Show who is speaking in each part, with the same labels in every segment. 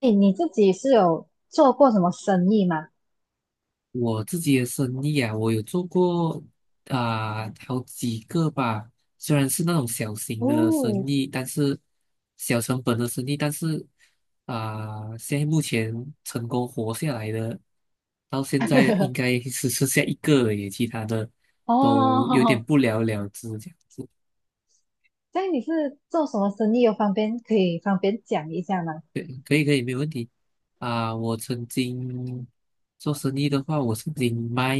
Speaker 1: 哎，你自己是有做过什么生意吗？
Speaker 2: 我自己的生意啊，我有做过好几个吧，虽然是那种小型的生
Speaker 1: 哦，
Speaker 2: 意，但是小成本的生意，但是现在目前成功活下来的，到现在应 该只剩下一个了耶，其他的都有点
Speaker 1: 哦，
Speaker 2: 不了了之这样子。
Speaker 1: 所以你是做什么生意？有方便可以方便讲一下吗？
Speaker 2: 对，可以，没有问题。啊，我曾经做生意的话，我曾经卖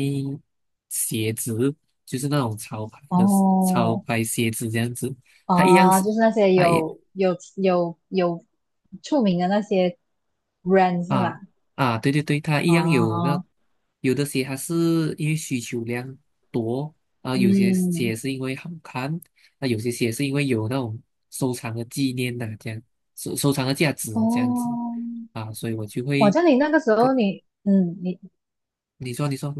Speaker 2: 鞋子，就是那种潮牌的潮
Speaker 1: 哦，
Speaker 2: 牌鞋子这样子。它一样
Speaker 1: 哦，
Speaker 2: 是，
Speaker 1: 就是那些
Speaker 2: 它一
Speaker 1: 有出名的那些人是吗？
Speaker 2: 啊啊，对对对，它一样有那
Speaker 1: 哦，
Speaker 2: 有的鞋它是因为需求量多啊，有些鞋
Speaker 1: 嗯，
Speaker 2: 是因为好看，那有些鞋是因为有那种收藏的纪念呐、这样收藏的价值这样子
Speaker 1: 哦，
Speaker 2: 啊，所以我就
Speaker 1: 我
Speaker 2: 会
Speaker 1: 叫你那个时
Speaker 2: 跟
Speaker 1: 候你，嗯，你
Speaker 2: 你说你说。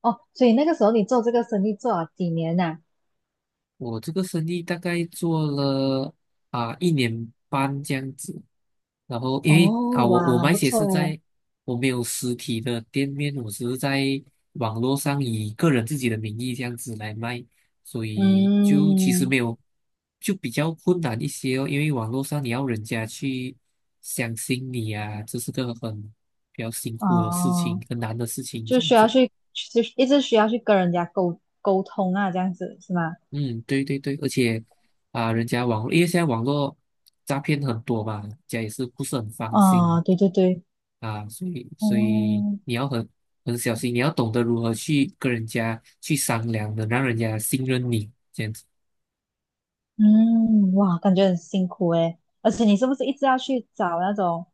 Speaker 1: 哦，所以那个时候你做这个生意做了几年呐、
Speaker 2: 我这个生意大概做了一年半这样子，然后因为啊
Speaker 1: 哦，
Speaker 2: 我
Speaker 1: 哇，很
Speaker 2: 卖
Speaker 1: 不
Speaker 2: 鞋
Speaker 1: 错
Speaker 2: 是
Speaker 1: 诶，
Speaker 2: 在我没有实体的店面，我只是在网络上以个人自己的名义这样子来卖，所以就其实
Speaker 1: 嗯。
Speaker 2: 没有就比较困难一些哦，因为网络上你要人家去相信你啊，这是个很比较辛苦的事情，
Speaker 1: 哦，
Speaker 2: 很难的事情
Speaker 1: 就
Speaker 2: 这样
Speaker 1: 需要
Speaker 2: 子。
Speaker 1: 去，就是一直需要去跟人家沟通啊，这样子是吗？
Speaker 2: 嗯，对对对，而且啊，人家网络，因为现在网络诈骗很多嘛，人家也是不是很放心
Speaker 1: 哦，对对对，
Speaker 2: 啊，所以
Speaker 1: 哦，
Speaker 2: 你要很很小心，你要懂得如何去跟人家去商量的，让人家信任你，这样子。
Speaker 1: 嗯，哇，感觉很辛苦诶。而且你是不是一直要去找那种，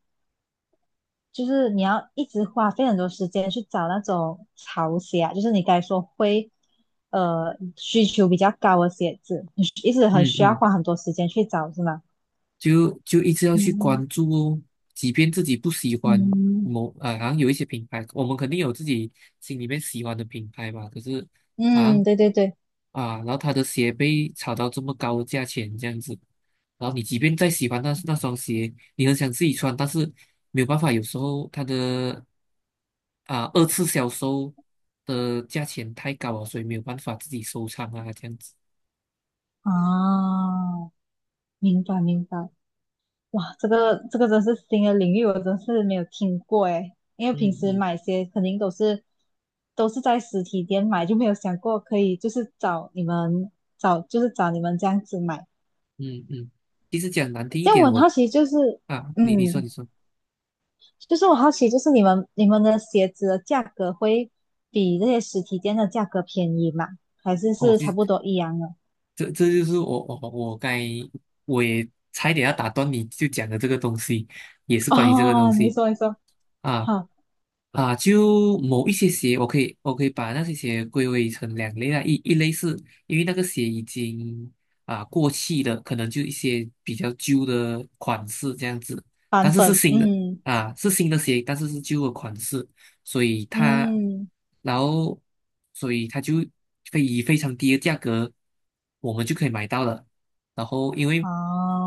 Speaker 1: 就是你要一直花费很多时间去找那种潮鞋啊，就是你该说会，需求比较高的鞋子，你一直很
Speaker 2: 嗯
Speaker 1: 需要
Speaker 2: 嗯。
Speaker 1: 花很多时间去找是吗？
Speaker 2: 就一直要去
Speaker 1: 嗯
Speaker 2: 关注哦，即便自己不喜欢
Speaker 1: 嗯
Speaker 2: 某啊，好像有一些品牌，我们肯定有自己心里面喜欢的品牌吧，可是好
Speaker 1: 嗯，
Speaker 2: 像
Speaker 1: 对对对，
Speaker 2: 啊，然后他的鞋被炒到这么高的价钱这样子，然后你即便再喜欢那那双鞋，你很想自己穿，但是没有办法，有时候他的啊二次销售的价钱太高了，所以没有办法自己收藏啊这样子，
Speaker 1: 哦，明白明白。哇，这个这个真是新的领域，我真是没有听过诶，因为平
Speaker 2: 嗯
Speaker 1: 时
Speaker 2: 嗯
Speaker 1: 买鞋肯定都是都是在实体店买，就没有想过可以就是找你们找就是找你们这样子买。
Speaker 2: 嗯嗯，其实讲难听一
Speaker 1: 这样我
Speaker 2: 点，
Speaker 1: 很
Speaker 2: 我。
Speaker 1: 好奇，就是
Speaker 2: 啊，你说
Speaker 1: 嗯，
Speaker 2: 你说，
Speaker 1: 就是我好奇就是你们的鞋子的价格会比这些实体店的价格便宜吗？还是
Speaker 2: 哦，
Speaker 1: 是差
Speaker 2: 你
Speaker 1: 不多一样的？
Speaker 2: 这就是我该我也差一点要打断你就讲的这个东西，也 是关于这个东
Speaker 1: 哦，你
Speaker 2: 西
Speaker 1: 说你说，
Speaker 2: 啊
Speaker 1: 好，
Speaker 2: 啊，就某一些鞋，我可以把那些鞋归为成两类啊，一类是因为那个鞋已经过气的，可能就一些比较旧的款式这样子，
Speaker 1: 版
Speaker 2: 但是是
Speaker 1: 本，
Speaker 2: 新的
Speaker 1: 嗯
Speaker 2: 啊，是新的鞋，但是是旧的款式。所以他，
Speaker 1: 嗯，
Speaker 2: 然后，所以他就可以以非常低的价格，我们就可以买到了。然后，因为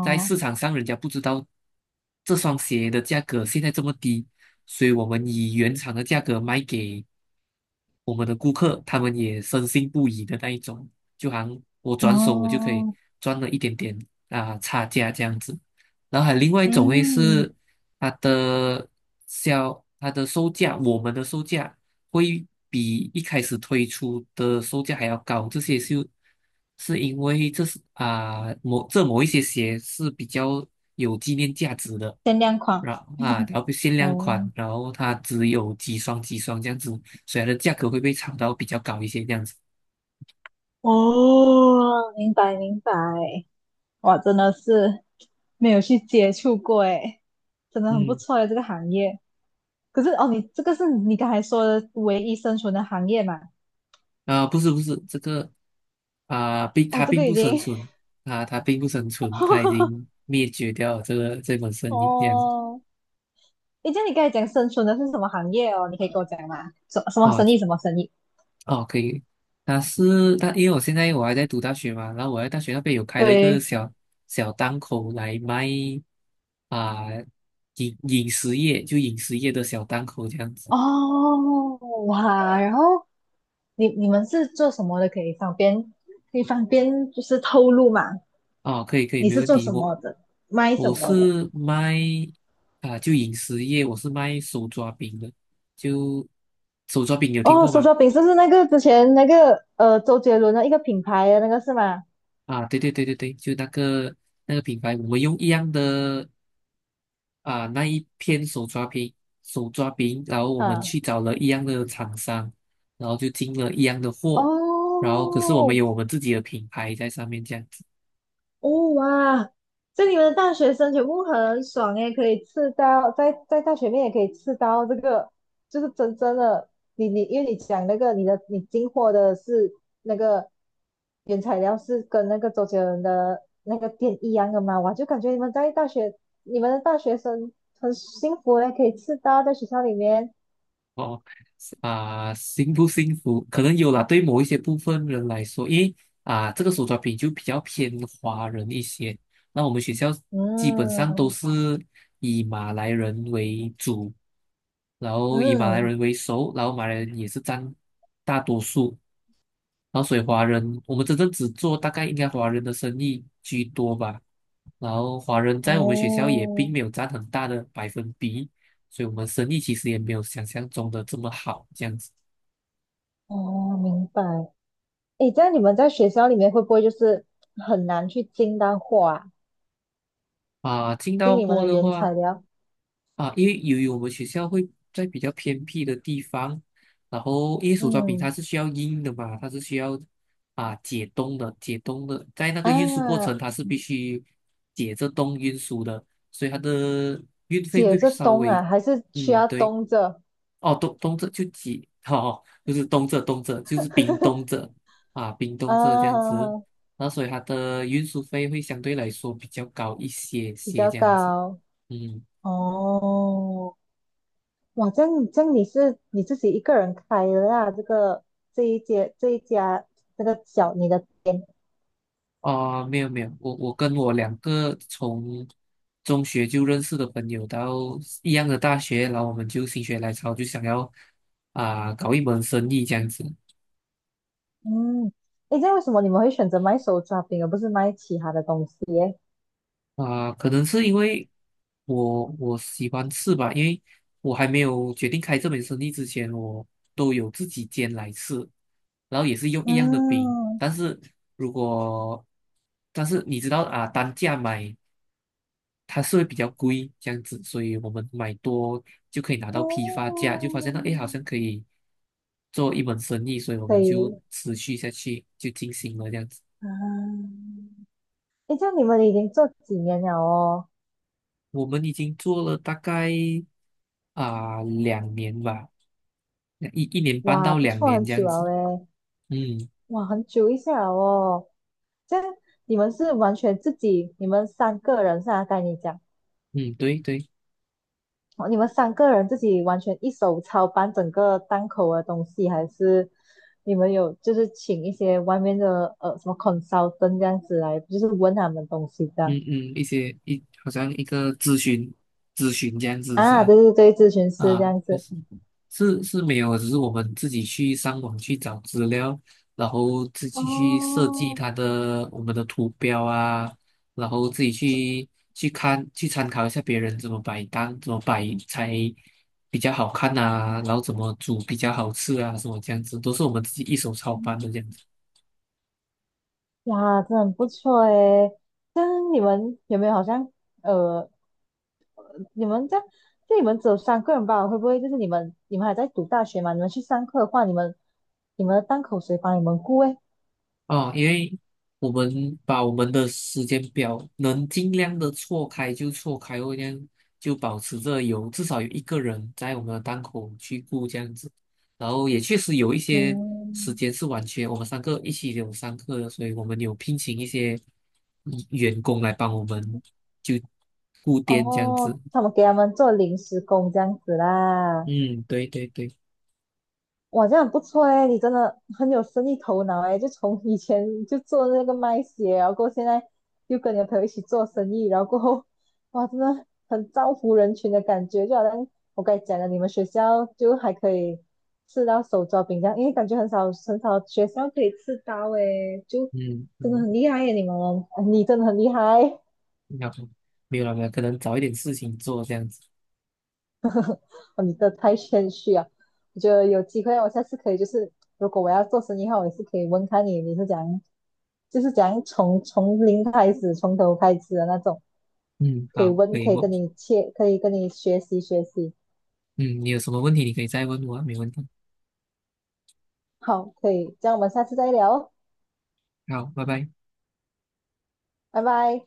Speaker 2: 在市场上人家不知道这双鞋的价格现在这么低，所以我们以原厂的价格卖给我们的顾客，他们也深信不疑的那一种，就好像我转手我就可以
Speaker 1: 哦。
Speaker 2: 赚了一点点差价这样子。然后还有另外一种类
Speaker 1: 嗯，
Speaker 2: 是。它的它的售价，我们的售价会比一开始推出的售价还要高，这些是是因为某一些鞋是比较有纪念价值的，
Speaker 1: 限量款
Speaker 2: 然后限量款，
Speaker 1: 哦
Speaker 2: 然后它只有几双这样子，所以它的价格会被炒到比较高一些这样子。
Speaker 1: 哦，明白明白，哇，真的是没有去接触过诶，真的很不
Speaker 2: 嗯。
Speaker 1: 错的这个行业。可是哦，你这个是你刚才说的唯一生存的行业嘛？
Speaker 2: 不是不是，这个并
Speaker 1: 哦，
Speaker 2: 它
Speaker 1: 这
Speaker 2: 并
Speaker 1: 个
Speaker 2: 不
Speaker 1: 已
Speaker 2: 生
Speaker 1: 经
Speaker 2: 存啊，它并不生存，它已 经灭绝掉了这个这门生意这样子
Speaker 1: 哦，诶，这样你刚才讲生存的是什么行业哦？你可以跟我讲吗？什什么
Speaker 2: 啊
Speaker 1: 生意？什么生意？
Speaker 2: 哦，可以。它，因为我现在我还在读大学嘛，然后我在大学那边有开了一个
Speaker 1: 对，
Speaker 2: 小小档口来卖啊、饮食业，就饮食业的小档口这样子
Speaker 1: 哦，哇，然后。你你们是做什么的？可以方便就是透露嘛？
Speaker 2: 哦，可以，
Speaker 1: 你
Speaker 2: 没
Speaker 1: 是
Speaker 2: 问
Speaker 1: 做
Speaker 2: 题。
Speaker 1: 什么的？卖什
Speaker 2: 我
Speaker 1: 么的？
Speaker 2: 是卖啊，就饮食业，我是卖手抓饼的，就手抓饼有听
Speaker 1: 哦，
Speaker 2: 过
Speaker 1: 手
Speaker 2: 吗？
Speaker 1: 抓饼是不是那个之前那个周杰伦的一个品牌的那个是吗？
Speaker 2: 啊，对对对对对，就那个那个品牌，我们用一样的那一片手抓饼，手抓饼，然后我们
Speaker 1: 嗯，
Speaker 2: 去找了一样的厂商，然后就进了一样的货，然后可是我们
Speaker 1: 哦
Speaker 2: 有我们自己的品牌在上面这样子。
Speaker 1: 哦哇！所以你们的大学生全部很爽诶，可以吃到在大学面也可以吃到这个，就是真正的你你因为你讲那个你的你进货的是那个原材料是跟那个周杰伦的那个店一样的嘛，我就感觉你们在大学，你们的大学生很幸福诶，可以吃到在学校里面。
Speaker 2: 哦，幸不幸福？可能有啦，对某一些部分人来说，因为这个手抓饼就比较偏华人一些。那我们学校基本上都
Speaker 1: 嗯
Speaker 2: 是以马来人为主，然后以马来
Speaker 1: 嗯，
Speaker 2: 人为首，然后马来人也是占大多数。然后所以华人，我们真正只做大概应该华人的生意居多吧。然后华人在我们学校也并
Speaker 1: 哦
Speaker 2: 没有占很大的百分比，所以我们生意其实也没有想象中的这么好这样子
Speaker 1: 哦，明白。诶，这样你们在学校里面会不会就是很难去进到货啊？
Speaker 2: 啊。进
Speaker 1: 进
Speaker 2: 到
Speaker 1: 你们
Speaker 2: 货
Speaker 1: 的
Speaker 2: 的
Speaker 1: 原材
Speaker 2: 话。
Speaker 1: 料？
Speaker 2: 啊，因为由于我们学校会在比较偏僻的地方，然后因为手抓饼它
Speaker 1: 嗯
Speaker 2: 是需要硬的嘛，它是需要解冻的，解冻的，在那个运输过程
Speaker 1: 啊，
Speaker 2: 它是必须解着冻运输的，所以它的运费
Speaker 1: 解
Speaker 2: 会
Speaker 1: 着
Speaker 2: 稍
Speaker 1: 冻
Speaker 2: 微，
Speaker 1: 啊，还是需
Speaker 2: 嗯，
Speaker 1: 要
Speaker 2: 对，
Speaker 1: 冻着
Speaker 2: 哦，冻冻着就解，哦，就是冻着冻着就是冰冻着啊，冰冻着这样子，
Speaker 1: 啊，
Speaker 2: 那所以它的运输费会相对来说比较高一些
Speaker 1: 比
Speaker 2: 些
Speaker 1: 较
Speaker 2: 这样子，
Speaker 1: 高
Speaker 2: 嗯。
Speaker 1: 哦。哇，这样这样你是你自己一个人开的啊？这个这一间这一家这个小你的店，
Speaker 2: 啊，没有没有，我跟我两个从中学就认识的朋友到一样的大学，然后我们就心血来潮就想要搞一门生意这样子
Speaker 1: 嗯，诶，这样为什么你们会选择卖手抓饼而不是卖其他的东西耶？
Speaker 2: 可能是因为我喜欢吃吧，因为我还没有决定开这门生意之前，我都有自己煎来吃，然后也是用一样的饼，
Speaker 1: 嗯，
Speaker 2: 但是如果但是你知道单价买。它是会比较贵这样子，所以我们买多就可以拿到批发价，就发现到
Speaker 1: 哦，
Speaker 2: 诶好像可以做一门生意，所以我
Speaker 1: 可
Speaker 2: 们就
Speaker 1: 以
Speaker 2: 持续下去，就进行了这样子。
Speaker 1: 啊，诶，这样你们已经做几年了哦？
Speaker 2: 我们已经做了大概两年吧，一年半
Speaker 1: 哇，
Speaker 2: 到
Speaker 1: 不
Speaker 2: 两
Speaker 1: 错，
Speaker 2: 年
Speaker 1: 很
Speaker 2: 这
Speaker 1: 久
Speaker 2: 样子。
Speaker 1: 了诶，
Speaker 2: 嗯
Speaker 1: 哇，很久一下了哦。这样你们是完全自己，你们三个人是啊？该你讲。
Speaker 2: 嗯，对对，
Speaker 1: 哦你们三个人自己完全一手操办整个档口的东西，还是你们有就是请一些外面的什么 consultant 这样子来，就是问他们东西这
Speaker 2: 嗯
Speaker 1: 样
Speaker 2: 嗯，一些一好像一个咨询这样子是
Speaker 1: 啊？
Speaker 2: 吧？
Speaker 1: 对对对，咨询师这
Speaker 2: 啊，
Speaker 1: 样
Speaker 2: 就
Speaker 1: 子。
Speaker 2: 是是没有，只是我们自己去上网去找资料，然后自己去设计
Speaker 1: 哦，
Speaker 2: 它的我们的图标啊，然后自己去去看去参考一下别人怎么摆单，怎么摆才比较好看啊，然后怎么煮比较好吃啊，什么这样子，都是我们自己一手操办的这样子。
Speaker 1: 呀，真的很不错诶。但你们有没有好像呃，你们这样，就你们只有三个人吧？会不会就是你们还在读大学嘛？你们去上课的话，你们的档口谁帮你们顾诶？
Speaker 2: 哦，因为我们把我们的时间表能尽量的错开就错开哦，这样就保持着有至少有一个人在我们的档口去顾这样子。然后也确实有一些时
Speaker 1: 嗯，
Speaker 2: 间是完全我们三个一起有上课的，所以我们有聘请一些员工来帮我们就顾店这样子。
Speaker 1: 哦，他们给他们做临时工这样子啦，
Speaker 2: 嗯，对对对，
Speaker 1: 哇，这样很不错诶，你真的很有生意头脑诶，就从以前就做那个卖鞋，然后过后现在又跟你的朋友一起做生意，然后过后，哇，真的很造福人群的感觉，就好像我刚才讲的，你们学校就还可以吃到手抓饼这样，因为感觉很少很少学校可以吃到诶，就
Speaker 2: 嗯
Speaker 1: 真的
Speaker 2: 嗯，
Speaker 1: 很厉害耶，你们，你真的很厉害，
Speaker 2: 要不没有了没有，可能找一点事情做这样子。
Speaker 1: 哦，你这太谦虚啊！我觉得有机会我下次可以，就是如果我要做生意的话，我也是可以问看你你是怎样，就是怎样从零开始，从头开始的那种，
Speaker 2: 嗯，
Speaker 1: 可以
Speaker 2: 好，
Speaker 1: 问，
Speaker 2: 可以，
Speaker 1: 可以
Speaker 2: 我。
Speaker 1: 跟你切，可以跟你学习学习。
Speaker 2: 嗯，你有什么问题你可以再问我啊没问题。
Speaker 1: 好，可以，这样我们下次再聊哦，
Speaker 2: 好，拜拜。
Speaker 1: 拜拜。